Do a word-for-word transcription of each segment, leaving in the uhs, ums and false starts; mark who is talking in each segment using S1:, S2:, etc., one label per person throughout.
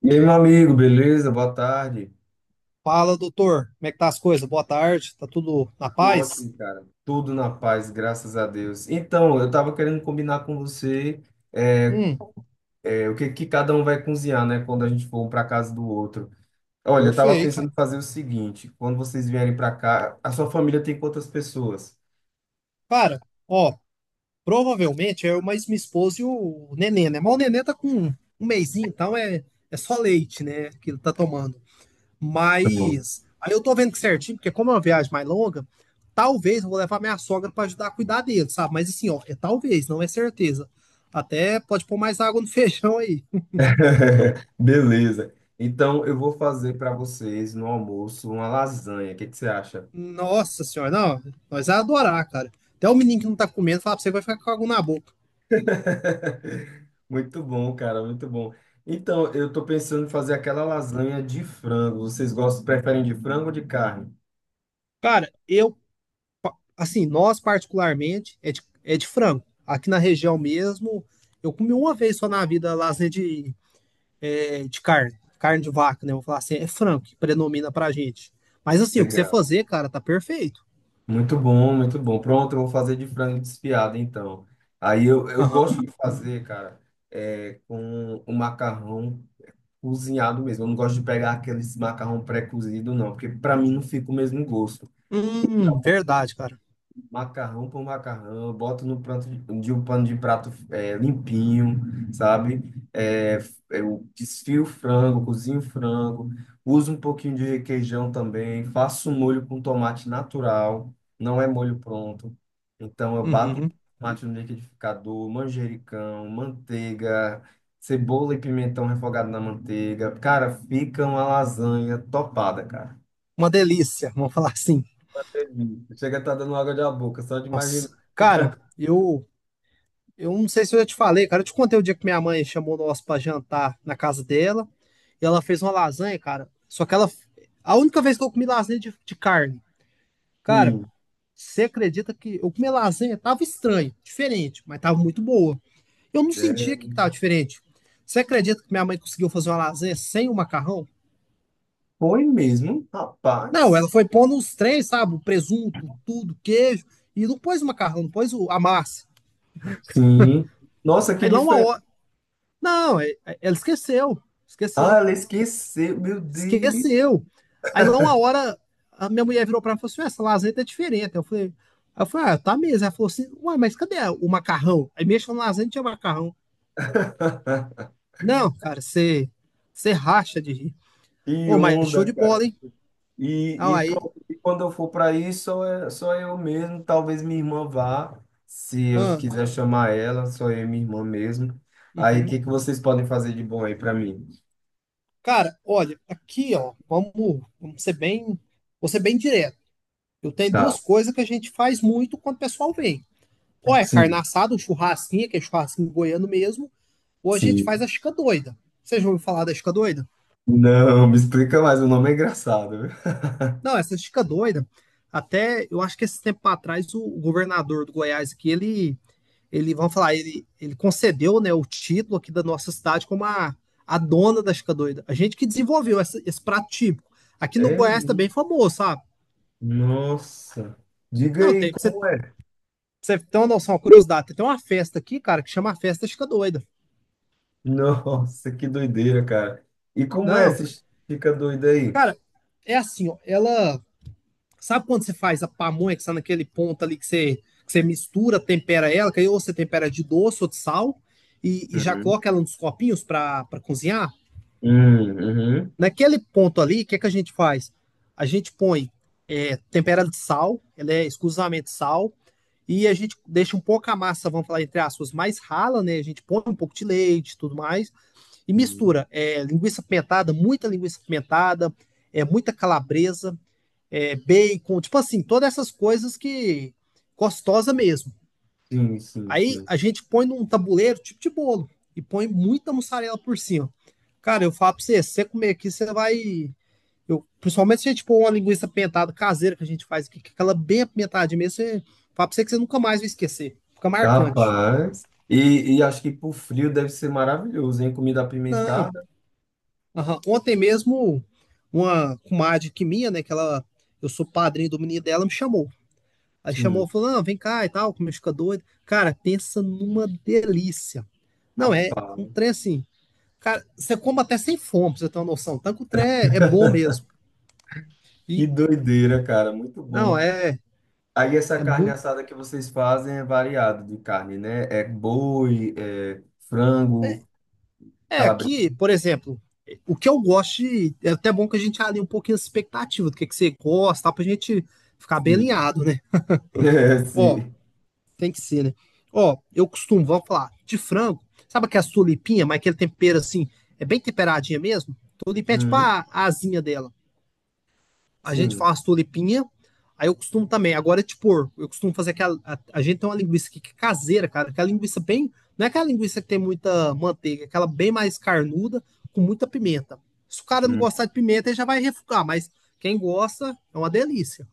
S1: E aí, meu amigo, beleza? Boa tarde.
S2: Fala, doutor. Como é que tá as coisas? Boa tarde. Tá tudo na
S1: Tudo
S2: paz?
S1: ótimo, cara. Tudo na paz, graças a Deus. Então, eu tava querendo combinar com você é,
S2: Hum,
S1: é, o que, que cada um vai cozinhar, né? Quando a gente for um para casa do outro. Olha, eu tava
S2: Perfeito.
S1: pensando em fazer o seguinte: quando vocês vierem para cá, a sua família tem quantas pessoas?
S2: Cara, ó, provavelmente é eu mais minha esposa e o nenê, né? Mas o nenê tá com um mesinho, então é, é só leite, né? Que ele tá tomando.
S1: Hum.
S2: Mas aí eu tô vendo que certinho, porque como é uma viagem mais longa, talvez eu vou levar minha sogra pra ajudar a cuidar dele, sabe? Mas assim, ó, é talvez, não é certeza. Até pode pôr mais água no feijão aí.
S1: Beleza. Então, eu vou fazer para vocês no almoço uma lasanha. O que, que você acha?
S2: Nossa senhora, não, nós vai adorar, cara. Até o menino que não tá comendo, fala pra você, que vai ficar com algo na boca.
S1: Muito bom, cara, muito bom. Então, eu tô pensando em fazer aquela lasanha de frango. Vocês gostam, preferem de frango ou de carne?
S2: Cara, eu, assim, nós particularmente, é de, é de frango. Aqui na região mesmo, eu comi uma vez só na vida lasanha de, é, de carne, carne de vaca, né? Vou falar assim, é frango que predomina pra gente. Mas assim, o que você
S1: Legal.
S2: fazer, cara, tá perfeito.
S1: Muito bom, muito bom. Pronto, eu vou fazer de frango desfiado, então. Aí eu, eu
S2: Aham.
S1: gosto de fazer, cara, é, com o macarrão cozinhado mesmo. Eu não gosto de pegar aqueles macarrão pré-cozido, não, porque para mim não fica o mesmo gosto.
S2: Hum, verdade, cara.
S1: Macarrão por macarrão, eu boto no pranto de, de um pano de prato é, limpinho, sabe? É, é, eu desfio o frango, cozinho o frango, uso um pouquinho de requeijão também, faço um molho com tomate natural, não é molho pronto. Então eu bato
S2: Uhum.
S1: tomate no liquidificador, manjericão, manteiga, cebola e pimentão refogado na manteiga. Cara, fica uma lasanha topada, cara.
S2: Uma delícia, vamos falar assim.
S1: Uma delícia. Chega a estar dando água da boca, só de imaginar.
S2: Nossa. Cara, eu Eu não sei se eu já te falei, cara. Eu te contei o dia que minha mãe chamou nós pra jantar na casa dela. E ela fez uma lasanha, cara. Só que ela. A única vez que eu comi lasanha de, de carne. Cara,
S1: Hum,
S2: você acredita que eu comi lasanha? Tava estranho, diferente, mas tava muito boa. Eu não
S1: é,
S2: sentia que tava diferente. Você acredita que minha mãe conseguiu fazer uma lasanha sem o macarrão?
S1: foi mesmo,
S2: Não,
S1: rapaz.
S2: ela foi pondo os três, sabe? O presunto, tudo, queijo. E não pôs o macarrão, não pôs o- a massa.
S1: Sim. Nossa, que
S2: Aí lá uma
S1: diferente.
S2: hora. Não, é- é- ela esqueceu.
S1: Ah,
S2: Esqueceu.
S1: ela esqueceu, meu Deus.
S2: Esqueceu. Aí lá uma hora a minha mulher virou para mim e falou assim: essa lasanha tá diferente. Eu falei, aí eu falei, ah, tá mesmo. Ela falou assim, ué, mas cadê o macarrão? Aí mexeu na lasanha e tinha macarrão. Não, cara, você você racha de rir.
S1: Que
S2: Ô, mas show
S1: onda,
S2: de bola,
S1: cara.
S2: hein?
S1: E,
S2: Ah,
S1: e
S2: aí.
S1: pronto, e quando eu for para aí, só, é- só eu mesmo. Talvez minha irmã vá, se eu
S2: Ah,
S1: quiser chamar ela, só eu e minha irmã mesmo. Aí, o
S2: uhum.
S1: que que vocês podem fazer de bom aí para mim?
S2: Cara, olha, aqui, ó, vamos, vamos ser bem, vou ser bem direto. Eu tenho
S1: Tá,
S2: duas coisas que a gente faz muito quando o pessoal vem. Ou é carne
S1: sim,
S2: assada, um churrasquinho, que é churrasquinho goiano mesmo. Hoje a gente faz a
S1: sim.
S2: Chica Doida. Vocês já ouviram falar da Chica Doida?
S1: Não, me explica mais, o nome é engraçado, viu?
S2: Não, essa Chica Doida, até eu acho que esse tempo atrás o governador do Goiás aqui, ele, ele vamos falar, ele, ele concedeu, né, o título aqui da nossa cidade como a, a dona da Chica Doida. A gente que desenvolveu essa, esse prato típico. Aqui no
S1: É,
S2: Goiás também
S1: mesmo?
S2: tá é famoso, sabe?
S1: Nossa. Diga
S2: Não,
S1: aí,
S2: tem, pra você, pra
S1: como é?
S2: você tem uma noção, uma curiosidade, tem uma festa aqui, cara, que chama a Festa Chica Doida.
S1: Nossa, que doideira, cara. E como é?
S2: Não,
S1: Você fica doido aí?
S2: cara, é assim, ó, ela sabe quando você faz a pamonha que está naquele ponto ali que você, que você mistura, tempera ela, que aí ou você tempera de doce ou de sal, e, e já
S1: Uhum,
S2: coloca ela nos copinhos para cozinhar?
S1: hum, uhum.
S2: Naquele ponto ali, o que, é que a gente faz? A gente põe é, tempera ela de sal, ela é exclusivamente sal, e a gente deixa um pouco a massa, vamos falar entre aspas, mais rala, né? A gente põe um pouco de leite e tudo mais, e
S1: Uhum.
S2: mistura é, linguiça pimentada, muita linguiça pimentada, é, muita calabresa, é, bacon, tipo assim, todas essas coisas que gostosa mesmo.
S1: Sim, sim,
S2: Aí
S1: sim.
S2: a gente põe num tabuleiro tipo de bolo e põe muita mussarela por cima. Cara, eu falo pra você, se você comer aqui, você vai. Eu, principalmente se a gente pôr uma linguiça pentada caseira que a gente faz aqui, que é aquela bem apimentada mesmo, você fala pra você que você nunca mais vai esquecer. Fica marcante.
S1: Rapaz. E, e acho que pro frio deve ser maravilhoso, hein? Comida
S2: Não.
S1: apimentada.
S2: Aham. Ontem mesmo, uma comadre que minha, né? Que ela, eu sou padrinho do menino dela, me chamou. Aí chamou,
S1: Sim.
S2: falou, não, vem cá e tal, como eu fica doido. Cara, pensa numa delícia. Não, é um
S1: Rapaz.
S2: trem assim. Cara, você come até sem fome, pra você ter uma noção. Tanto que o trem é, é bom mesmo.
S1: Que
S2: E,
S1: doideira, cara. Muito
S2: não,
S1: bom.
S2: é,
S1: Aí essa
S2: é
S1: carne
S2: muito.
S1: assada que vocês fazem é variado de carne, né? É boi, é
S2: É,
S1: frango,
S2: é
S1: calabresa.
S2: aqui, por exemplo, o que eu gosto, de- é até bom que a gente alinhe um pouquinho a expectativa do que, que você gosta, tal, pra gente ficar bem
S1: Sim.
S2: alinhado, né?
S1: É,
S2: Ó,
S1: sim.
S2: tem que ser, né? Ó, eu costumo, vamos falar, de frango, sabe aquelas tulipinha, mas aquele tempero assim, é bem temperadinha mesmo? Tulipinha é tipo
S1: Uhum.
S2: a, a asinha dela. A gente
S1: Sim.
S2: faz tulipinha, aí eu costumo também, agora é tipo, eu costumo fazer aquela, a, a gente tem uma linguiça aqui que é caseira, cara, aquela linguiça bem, não é aquela linguiça que tem muita manteiga, é aquela bem mais carnuda, com muita pimenta. Se o cara não gostar de pimenta, ele já vai refugar, mas quem gosta, é uma delícia.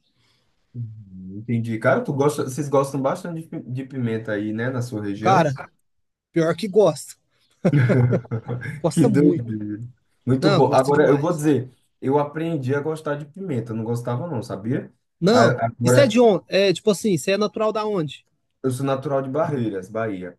S1: Hum, entendi. Cara, tu gosta, vocês gostam bastante de pi- de pimenta aí, né, na sua região?
S2: Cara, pior que gosta.
S1: Que
S2: Gosta muito.
S1: doideira. Muito
S2: Não,
S1: bom.
S2: gosta
S1: Agora, eu vou
S2: demais.
S1: dizer, eu aprendi a gostar de pimenta, não gostava não, sabia?
S2: Não,
S1: A-
S2: isso é de
S1: Agora,
S2: onde? É tipo assim, você é natural da onde?
S1: eu sou natural de Barreiras, Bahia.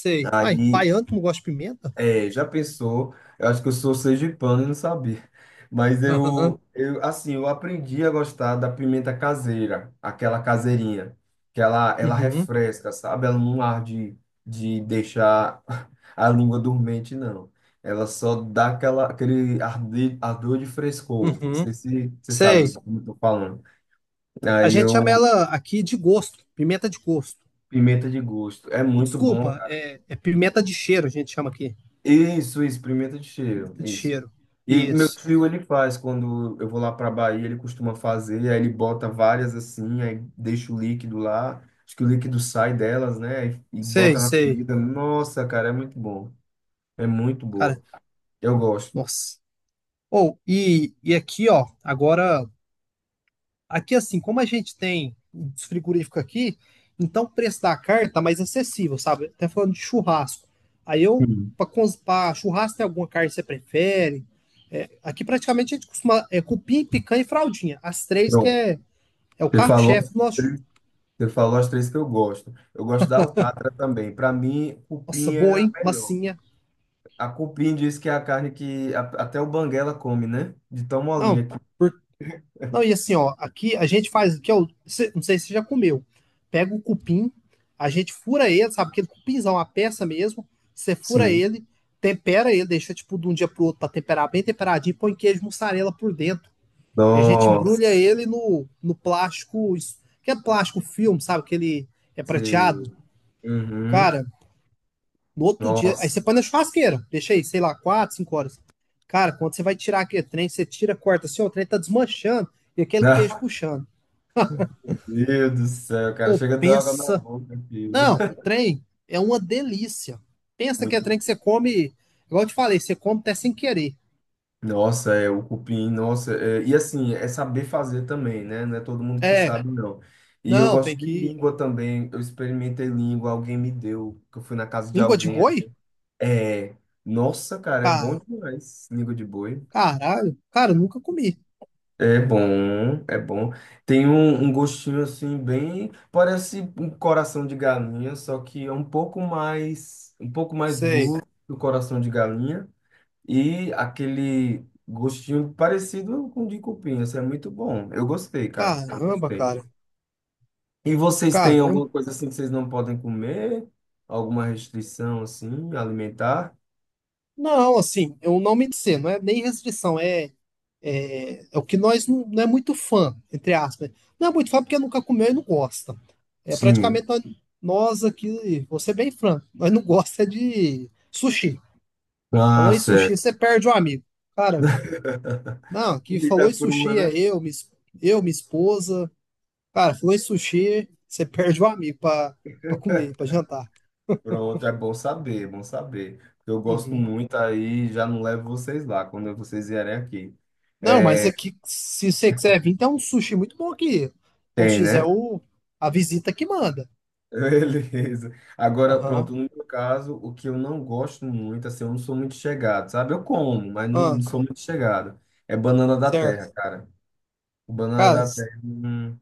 S2: Sei. Uai,
S1: Aí,
S2: baiano, tu não gosta de pimenta?
S1: é, já pensou? Eu acho que eu sou sergipano e não sabia. Mas eu,
S2: Aham,
S1: eu, assim, eu aprendi a gostar da pimenta caseira, aquela caseirinha, que ela, ela
S2: uhum,
S1: refresca, sabe? Ela não arde de deixar a língua dormente, não. Ela só dá aquela, aquele arde, ardor de frescor. Não
S2: uhum.
S1: sei se você sabe o
S2: Sei.
S1: que eu tô falando.
S2: A
S1: Aí
S2: gente chama
S1: eu,
S2: ela aqui de gosto, pimenta de gosto.
S1: pimenta de gosto. É muito bom.
S2: Desculpa, é, é pimenta de cheiro, a gente chama aqui.
S1: Isso, isso, pimenta de cheiro,
S2: Pimenta de
S1: isso.
S2: cheiro.
S1: E meu
S2: Isso.
S1: tio, ele faz, quando eu vou lá para Bahia, ele costuma fazer, aí ele bota várias assim, aí deixa o líquido lá, acho que o líquido sai delas, né, e, e
S2: Sei,
S1: bota na
S2: sei.
S1: comida. Nossa, cara, é muito bom, é muito
S2: Cara,
S1: boa, eu gosto.
S2: nossa. Ou, e, e aqui, ó, agora. Aqui, assim, como a gente tem os frigoríficos aqui, então o preço da carne tá mais acessível, sabe? Até falando de churrasco. Aí eu,
S1: Hum.
S2: Para churrasco, tem alguma carne que você prefere? É, aqui praticamente a gente costuma é, cupim, picanha e fraldinha. As três que
S1: Pronto,
S2: é, é o
S1: você falou,
S2: carro-chefe
S1: as
S2: do nosso.
S1: três- você falou as três que eu gosto. Eu gosto da alcatra também, para mim,
S2: Nossa,
S1: cupim é
S2: boa,
S1: a
S2: hein?
S1: melhor.
S2: Massinha.
S1: A cupim diz que é a carne que a- até o banguela come, né, de tão
S2: Não,
S1: molinha que...
S2: por não, e assim, ó, aqui a gente faz, o que é o, cê- não sei se você já comeu. Pega o cupim, a gente fura ele, sabe? Aquele cupinzão, a peça mesmo. Você fura
S1: Sim.
S2: ele, tempera ele, deixa tipo de um dia pro outro pra temperar bem temperadinho, põe queijo mussarela por dentro. E a gente embrulha
S1: Nossa.
S2: ele no, no plástico, isso- que é plástico filme, sabe? Que ele é prateado.
S1: Sei. Uhum.
S2: Cara, no outro dia, aí você
S1: Nossa.
S2: põe na churrasqueira, deixa aí, sei lá, quatro, cinco horas. Cara, quando você vai tirar aquele trem, você tira, corta assim, ó, o trem tá desmanchando e aquele queijo puxando.
S1: Meu Deus do céu, cara.
S2: Ou
S1: Chega a dar água na
S2: pensa.
S1: boca, filho.
S2: Não, trem é uma delícia. Pensa que é
S1: Muito.
S2: trem que você come, igual eu te falei, você come até sem querer.
S1: Nossa, é o cupim, nossa. É, e assim, é saber fazer também, né? Não é todo mundo que
S2: É,
S1: sabe, não. E eu
S2: não, tem
S1: gosto de
S2: que.
S1: língua também. Eu experimentei língua, alguém me deu, que eu fui na casa de
S2: Língua de
S1: alguém.
S2: boi?
S1: É. Nossa, cara, é
S2: Ah,
S1: bom demais. Língua de boi.
S2: caralho, cara, eu nunca comi.
S1: É bom, é bom. Tem um, um gostinho assim bem, parece um coração de galinha, só que é um pouco mais, um pouco mais
S2: Sei.
S1: duro que o coração de galinha e aquele gostinho parecido com o de cupim. Isso é muito bom. Eu gostei, cara. Eu
S2: Caramba,
S1: gostei.
S2: cara.
S1: E vocês têm
S2: Caramba.
S1: alguma coisa assim que vocês não podem comer? Alguma restrição assim alimentar?
S2: Não, assim, eu não me dizer, não é nem restrição, é, é, é o que nós não, não é muito fã, entre aspas. Não é muito fã porque nunca comeu e não gosta. É
S1: Sim.
S2: praticamente nós, nós aqui, vou ser bem franco, nós não gosta de sushi. Falou
S1: Ah,
S2: em sushi,
S1: certo.
S2: você perde um amigo. Cara, não, que
S1: Comida
S2: falou em
S1: crua,
S2: sushi é
S1: né?
S2: eu, minha, es- eu, minha esposa. Cara, falou em sushi, você perde um amigo pra, pra comer, pra jantar.
S1: Pronto, é bom saber, é bom saber. Eu gosto
S2: Uhum.
S1: muito aí, já não levo vocês lá quando vocês vierem aqui.
S2: Não, mas
S1: É,
S2: aqui, se você quiser vir, tem um sushi muito bom aqui. Quando
S1: tem,
S2: fizer
S1: né?
S2: o, a visita que manda.
S1: Beleza. Agora,
S2: Aham.
S1: pronto, no meu caso, o que eu não gosto muito, assim, eu não sou muito chegado, sabe? Eu como, mas não
S2: Ah,
S1: não sou muito chegado. É banana da
S2: certo.
S1: terra, cara. Banana
S2: Cara,
S1: da terra, não,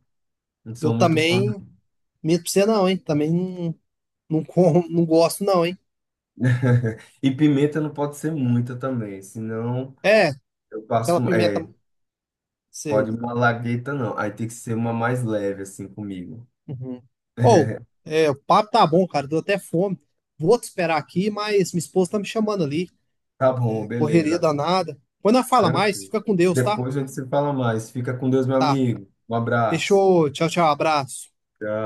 S1: não sou
S2: eu
S1: muito fã.
S2: também.
S1: Não.
S2: Medo pra você não, hein? Também não, não, como, não gosto, não, hein?
S1: E pimenta não pode ser muita também, senão
S2: É,
S1: eu passo.
S2: aquela pimenta.
S1: É, pode
S2: Sei.
S1: uma lagueta, não. Aí tem que ser uma mais leve, assim, comigo.
S2: Uhum. Ou, é, o papo tá bom, cara. Deu até fome. Vou te esperar aqui, mas minha esposa tá me chamando ali.
S1: Tá bom,
S2: É correria
S1: beleza.
S2: danada. Quando ela fala mais,
S1: Tranquilo.
S2: fica com Deus, tá?
S1: Depois a gente se fala mais. Fica com Deus, meu
S2: Tá.
S1: amigo. Um abraço.
S2: Fechou. Tchau, tchau. Abraço.
S1: Tchau.